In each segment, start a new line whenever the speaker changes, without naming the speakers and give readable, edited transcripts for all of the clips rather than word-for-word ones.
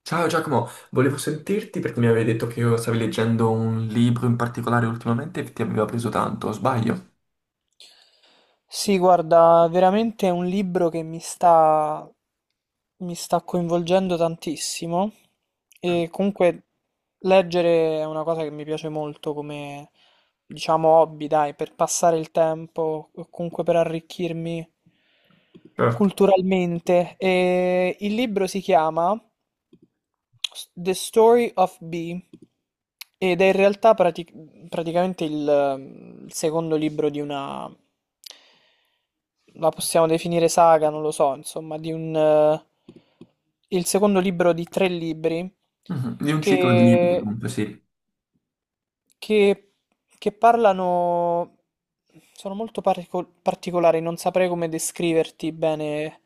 Ciao Giacomo, volevo sentirti perché mi avevi detto che io stavi leggendo un libro in particolare ultimamente e ti aveva preso tanto, o sbaglio?
Sì, guarda, veramente è un libro che mi sta coinvolgendo tantissimo e comunque leggere è una cosa che mi piace molto come, diciamo, hobby, dai, per passare il tempo, o comunque per arricchirmi
Certo.
culturalmente. E il libro si chiama The Story of Bee ed è in realtà praticamente il secondo libro di una, la possiamo definire saga, non lo so, insomma, di un, il secondo libro di tre libri
Mhm. Di un ciclo di libri
che
comunque, sì.
che, che parlano, sono molto particolari, non saprei come descriverti bene,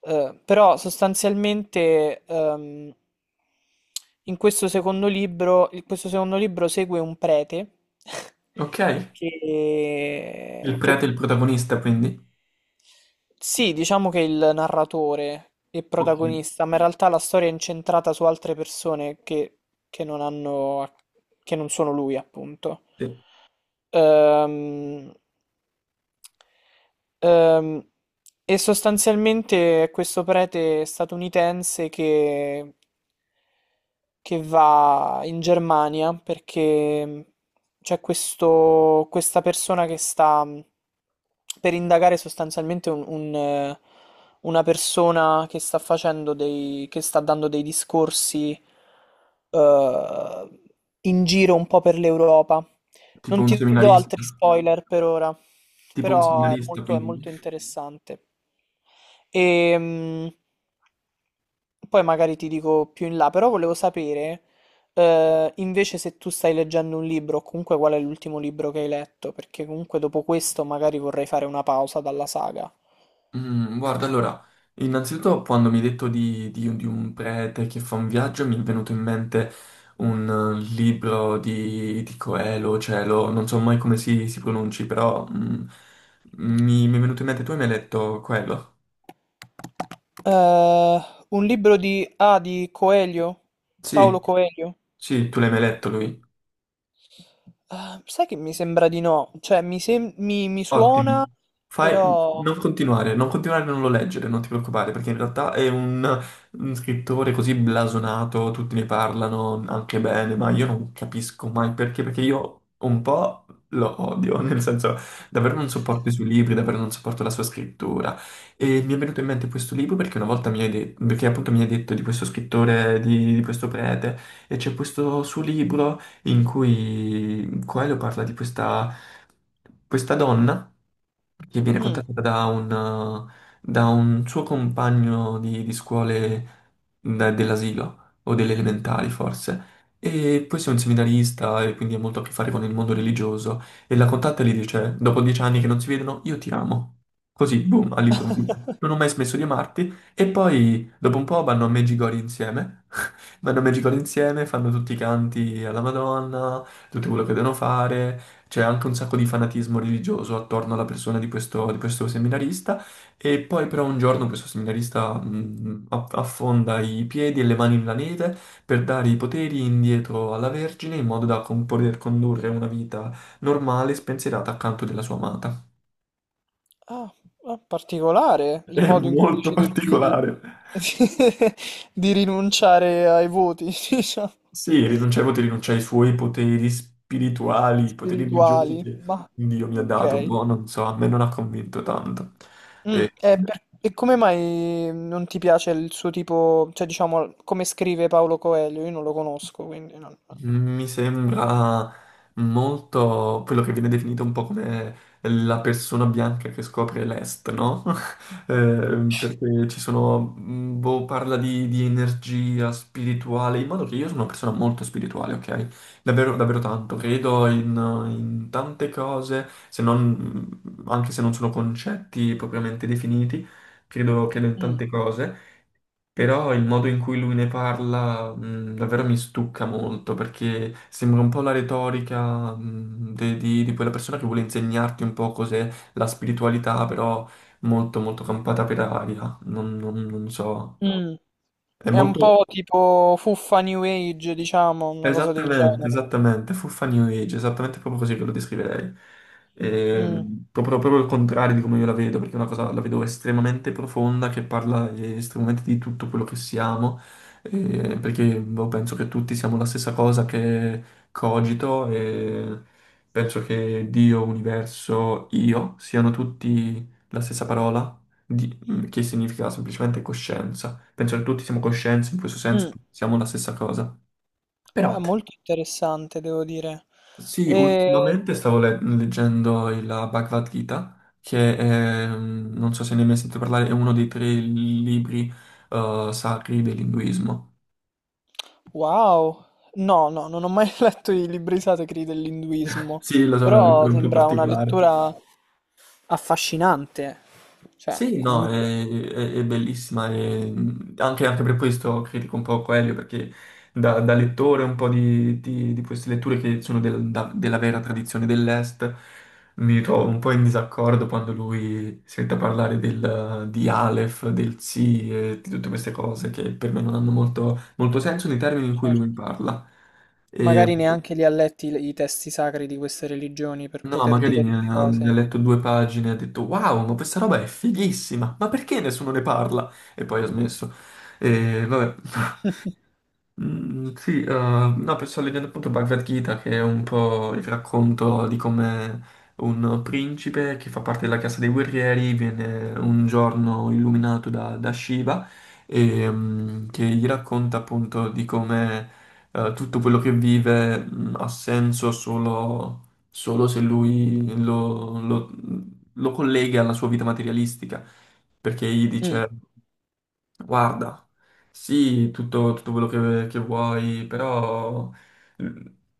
però sostanzialmente in questo secondo libro segue un prete
Ok, il prete
che
è il protagonista quindi?
sì, diciamo che è il narratore e
Ok,
protagonista, ma in realtà la storia è incentrata su altre persone che non hanno, che non sono lui, appunto.
sì.
Ehm, ehm, e sostanzialmente è questo prete statunitense che va in Germania perché c'è questa persona che sta per indagare sostanzialmente una persona che sta facendo dei, che sta dando dei discorsi eh, in giro un po' per l'Europa.
Tipo
Non
un
ti do
seminarista,
altri spoiler per ora,
tipo un
però è
seminarista
molto, è
quindi.
molto interessante. E, poi magari ti dico più in là, però volevo sapere, invece se tu stai leggendo un libro, o comunque qual è l'ultimo libro che hai letto, perché comunque dopo questo magari vorrei fare una pausa dalla saga.
Mm, guarda, allora, innanzitutto quando mi hai detto di, di un prete che fa un viaggio, mi è venuto in mente un libro di Coelho, Cielo, non so mai come si pronunci, però mi, mi è venuto in mente, tu hai mai letto quello?
Eh, un libro di... Ah, di Coelho?
Sì,
Paolo Coelho?
sì, tu l'hai mai letto lui?
Ah, sai che mi sembra di no, cioè mi suona,
Ottimo. Fai. Non
però.
continuare, non continuare a non lo leggere, non ti preoccupare, perché in realtà è un scrittore così blasonato, tutti ne parlano anche bene, ma io non capisco mai perché, perché io un po' lo odio, nel senso davvero non sopporto i suoi libri, davvero non sopporto la sua scrittura. E mi è venuto in mente questo libro perché una volta mi hai detto, perché appunto mi hai detto di questo scrittore, di questo prete, e c'è questo suo libro in cui Coelho parla di questa, questa donna che viene
Mm.
contattata da un suo compagno di scuole dell'asilo o delle elementari forse. E questo è un seminarista e quindi ha molto a che fare con il mondo religioso. E la contatta e gli dice: Dopo 10 anni che non si vedono, io ti amo. Così, boom, all'improvviso. Non ho mai smesso di amarti. E poi, dopo un po', vanno a Medjugorje insieme. Vanno a Magical insieme, fanno tutti i canti alla Madonna, tutto quello che devono fare, c'è anche un sacco di fanatismo religioso attorno alla persona di questo seminarista e poi però un giorno questo seminarista affonda i piedi e le mani nella neve per dare i poteri indietro alla Vergine in modo da poter condurre una vita normale e spensierata accanto della sua amata.
Ah, ah, particolare il
È
modo in cui
molto
decide di,
particolare.
di rinunciare ai voti, diciamo,
Sì, rinunciai ai poteri, rinunciai ai suoi poteri spirituali, i poteri religiosi
spirituali.
che
Ma
Dio mi ha
ok.
dato, boh, non so, a me non ha convinto tanto.
Mm,
Eh,
e come mai non ti piace il suo tipo, cioè diciamo, come scrive Paolo Coelho? Io non lo conosco, quindi non.
Mi sembra molto quello che viene definito un po' come la persona bianca che scopre l'est, no? Perché ci sono, boh, parla di energia spirituale, in modo che io sono una persona molto spirituale, ok? Davvero, davvero tanto, credo in, in tante cose, se non, anche se non sono concetti propriamente definiti, credo in
Mm,
tante cose. Però il modo in cui lui ne parla, davvero mi stucca molto perché sembra un po' la retorica, di quella persona che vuole insegnarti un po' cos'è la spiritualità, però molto molto campata per aria. Non so.
mm.
È
È un po'
molto,
tipo fuffa New Age, diciamo, una cosa del
esattamente,
genere.
esattamente, fuffa New Age, esattamente proprio così ve lo descriverei.
Mm,
Proprio, proprio il contrario di come io la vedo, perché è una cosa la vedo estremamente profonda, che parla estremamente di tutto quello che siamo, perché boh, penso che tutti siamo la stessa cosa che cogito e penso che Dio, universo, io siano tutti la stessa parola, che significa semplicemente coscienza. Penso che tutti siamo coscienze, in questo senso
mm.
tutti siamo la stessa cosa. Però
Beh, molto interessante, devo dire.
sì,
E...
ultimamente stavo leggendo la Bhagavad Gita, che è, non so se ne hai mai sentito parlare, è uno dei tre libri sacri dell'induismo.
Wow! No, no, non ho mai letto i libri sacri dell'induismo,
Sì, lo so, è una
però
lettura un po'
sembra una
particolare.
lettura affascinante. Cioè,
Sì, no,
comunque,
è bellissima, e, anche per questo critico un po' Coelho, perché da lettore un po' di, di queste letture che sono della vera tradizione dell'Est, mi trovo un po' in disaccordo quando lui sente parlare di Aleph, del Tsi e di tutte queste cose che per me non hanno molto, molto senso nei termini in cui
certo.
lui parla. Ehm,
Magari neanche li ha letti i testi sacri di queste religioni per
No,
poter
magari
dire
ne
delle
ha, ne ha
cose.
letto due pagine e ha detto: Wow, ma questa roba è fighissima, ma perché nessuno ne parla? E poi ha smesso. E vabbè. Sì, no, sto leggendo appunto Bhagavad Gita, che è un po' il racconto di come un principe che fa parte della casa dei guerrieri viene un giorno illuminato da, da Shiva e che gli racconta appunto di come tutto quello che vive ha senso solo, solo se lui lo collega alla sua vita materialistica, perché gli
Mm.
dice... Guarda, sì, tutto quello che vuoi, però eh,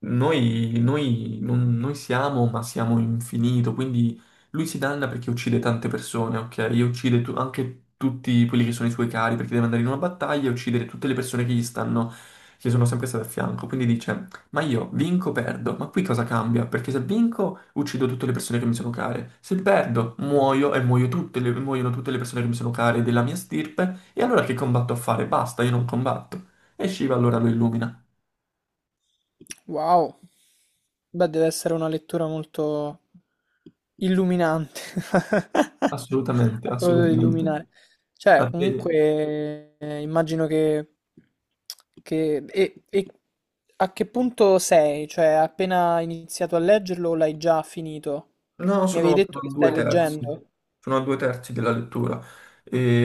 noi non noi siamo, ma siamo infinito, quindi lui si danna perché uccide tante persone, ok? E uccide anche tutti quelli che sono i suoi cari, perché deve andare in una battaglia e uccidere tutte le persone che gli stanno, che sono sempre state a fianco. Quindi dice, ma io vinco, o perdo, ma qui cosa cambia? Perché se vinco, uccido tutte le persone che mi sono care, se perdo, muoio e muoiono tutte le persone che mi sono care della mia stirpe. E allora che combatto a fare? Basta, io non combatto. E Shiva allora lo illumina.
Wow. Beh, deve essere una lettura molto illuminante.
Assolutamente,
A proposito di
assolutamente.
illuminare. Cioè,
A te.
comunque, immagino che. E a che punto sei? Cioè, hai appena iniziato a leggerlo o l'hai già finito?
No,
Mi avevi
sono,
detto
sono a
che
due
stai
terzi,
leggendo?
sono a due terzi della lettura.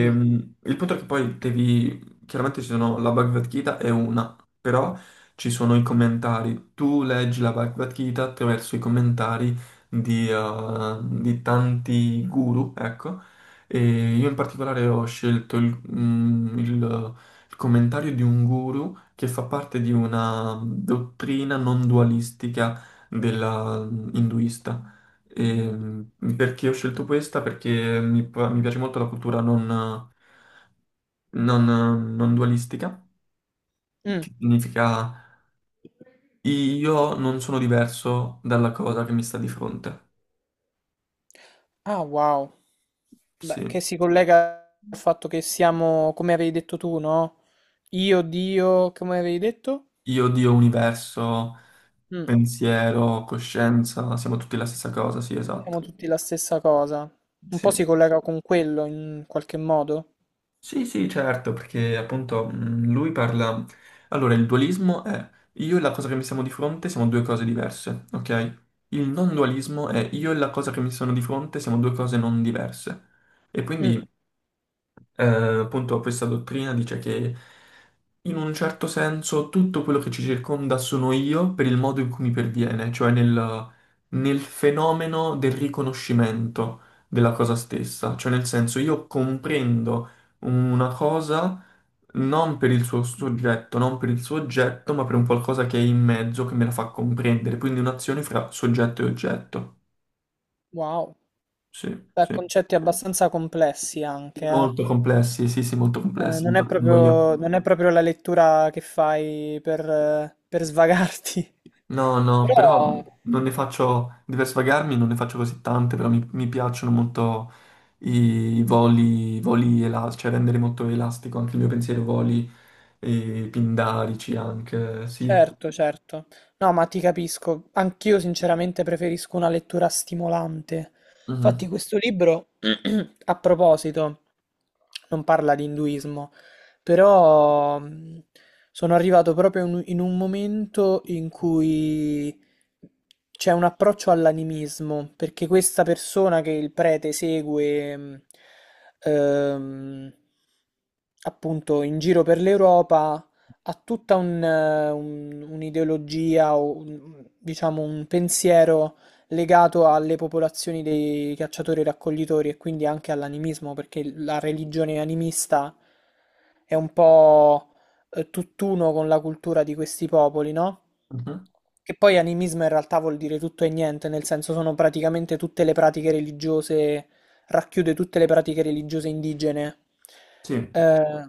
Mm.
Il punto è che poi devi, chiaramente ci sono la Bhagavad Gita è una, però ci sono i commentari. Tu leggi la Bhagavad Gita attraverso i commentari di tanti guru, ecco. E io in particolare ho scelto il commentario di un guru che fa parte di una dottrina non dualistica della hinduista. E, mm, perché ho scelto questa? Perché mi piace molto la cultura non, non dualistica,
Mm.
che significa io non sono diverso dalla cosa che mi sta di fronte.
Ah, wow. Beh,
Sì,
che si collega al fatto che siamo, come avevi detto tu, no? Io, Dio, come avevi detto?
io, Dio, universo,
Mm,
pensiero, coscienza, siamo tutti la stessa cosa, sì,
siamo
esatto.
tutti la stessa cosa. Un po'
Sì.
si collega con quello in qualche modo.
Sì, sì, certo, perché appunto lui parla... Allora, il dualismo è io e la cosa che mi siamo di fronte siamo due cose diverse, ok? Il non dualismo è io e la cosa che mi sono di fronte siamo due cose non diverse. E
Mm,
quindi appunto questa dottrina dice che in un certo senso tutto quello che ci circonda sono io per il modo in cui mi perviene, cioè nel fenomeno del riconoscimento della cosa stessa, cioè nel senso io comprendo una cosa non per il suo soggetto, non per il suo oggetto, ma per un qualcosa che è in mezzo, che me la fa comprendere, quindi un'azione fra soggetto e oggetto.
wow.
Sì,
Beh,
sì.
concetti abbastanza complessi anche, eh.
Molto complessi, sì, sì, molto complessi,
Non è
infatti non voglio...
proprio, non è proprio la lettura che fai per svagarti.
No, no, però
Però.
non ne faccio, per svagarmi non ne faccio così tante, però mi piacciono molto i voli elastici, cioè rendere molto elastico anche il mio pensiero, voli e pindarici anche, sì.
Certo, certo. No, ma ti capisco. Anch'io sinceramente preferisco una lettura stimolante. Infatti
Mhm,
questo libro a proposito, non parla di induismo, però sono arrivato proprio in un momento in cui c'è un approccio all'animismo, perché questa persona che il prete segue, ehm, appunto in giro per l'Europa ha tutta un'ideologia o diciamo un pensiero legato alle popolazioni dei cacciatori-raccoglitori e raccoglitori e quindi anche all'animismo, perché la religione animista è un po' tutt'uno con la cultura di questi popoli, no?
mhm.
Che poi animismo in realtà vuol dire tutto e niente, nel senso sono praticamente tutte le pratiche religiose racchiude tutte le pratiche religiose indigene,
Sì,
eh,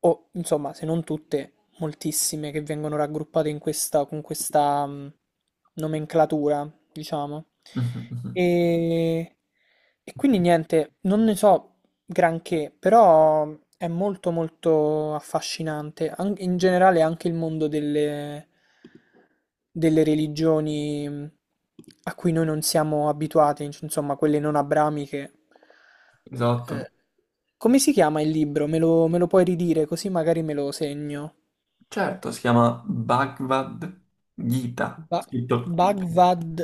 o insomma, se non tutte, moltissime che vengono raggruppate in questa, con questa nomenclatura, diciamo.
mhm, mhm.
E, e quindi niente, non ne so, granché, però è molto molto affascinante, in generale anche il mondo delle religioni a cui noi non siamo abituati, insomma quelle non abramiche.
Esatto.
Eh, come si chiama il libro? Me lo puoi ridire così magari me lo segno.
Certo, si chiama Bhagavad Gita,
Ba-
scritto
Bhagavad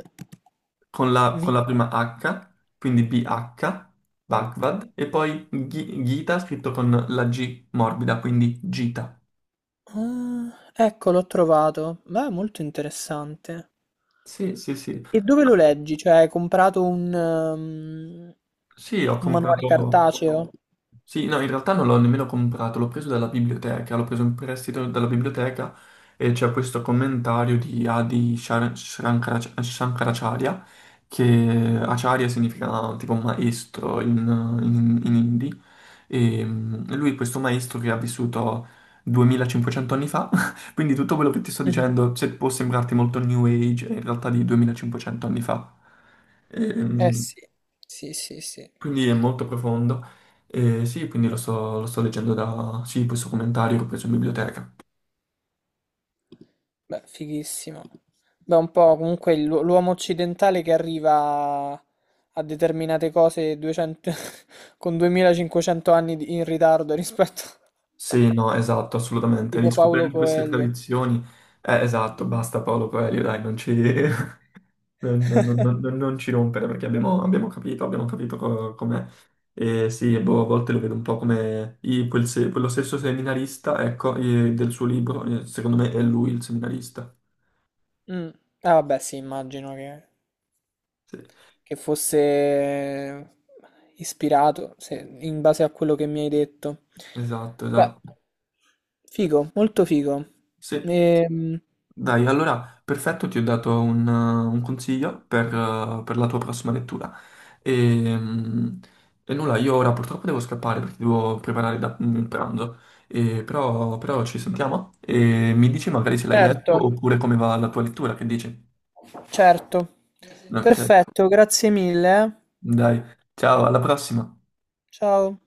con la
Gita.
prima H, quindi BH, Bhagavad, e poi Gita scritto con la G morbida, quindi Gita.
Ah, ecco, l'ho trovato. Beh, molto interessante.
Sì, sì, sì.
E dove lo leggi? Cioè, hai comprato un, ehm,
Sì, ho
un manuale
comprato...
cartaceo?
Sì, no, in realtà non l'ho nemmeno comprato, l'ho preso dalla biblioteca, l'ho preso in prestito dalla biblioteca e c'è questo commentario di Adi Shankaracharya, che Acharya significa tipo maestro in, in hindi, e lui è questo maestro che ha vissuto 2500 anni fa, quindi tutto quello che ti sto
Mhm.
dicendo, se può sembrarti molto new age, è in realtà di 2500 anni fa.
Eh
Ehm,
sì, sì, sì, sì.
quindi è molto profondo. E sì, quindi lo sto leggendo da... Sì, questo commentario che ho preso in biblioteca.
Beh, fighissimo. Beh, un po' comunque l'uomo occidentale che arriva a determinate cose 200 con 2.500 anni in ritardo rispetto a
Sì, no, esatto, assolutamente.
tipo Paolo
Riscoprendo queste
Coelho.
tradizioni... esatto, basta Paolo Coelho, dai, non ci... Non ci rompere perché abbiamo capito, abbiamo capito com'è. E sì, e boh, a volte lo vedo un po' come i- quel se- quello stesso seminarista, ecco, del suo libro, secondo me è lui il seminarista.
Mm. Ah, vabbè, sì, immagino che...
Sì,
che fosse ispirato, in base a quello che mi hai detto.
esatto,
Beh,
esatto.
figo, molto figo.
Sì.
Ehm,
Dai, allora, perfetto, ti ho dato un consiglio per la tua prossima lettura. E, mm, e nulla, io ora purtroppo devo scappare perché devo preparare il pranzo, E però ci sentiamo e mi dici magari se l'hai
certo,
letto oppure come va la tua lettura, che dici?
certo.
Ok,
Perfetto, grazie mille.
dai, ciao, alla prossima.
Ciao.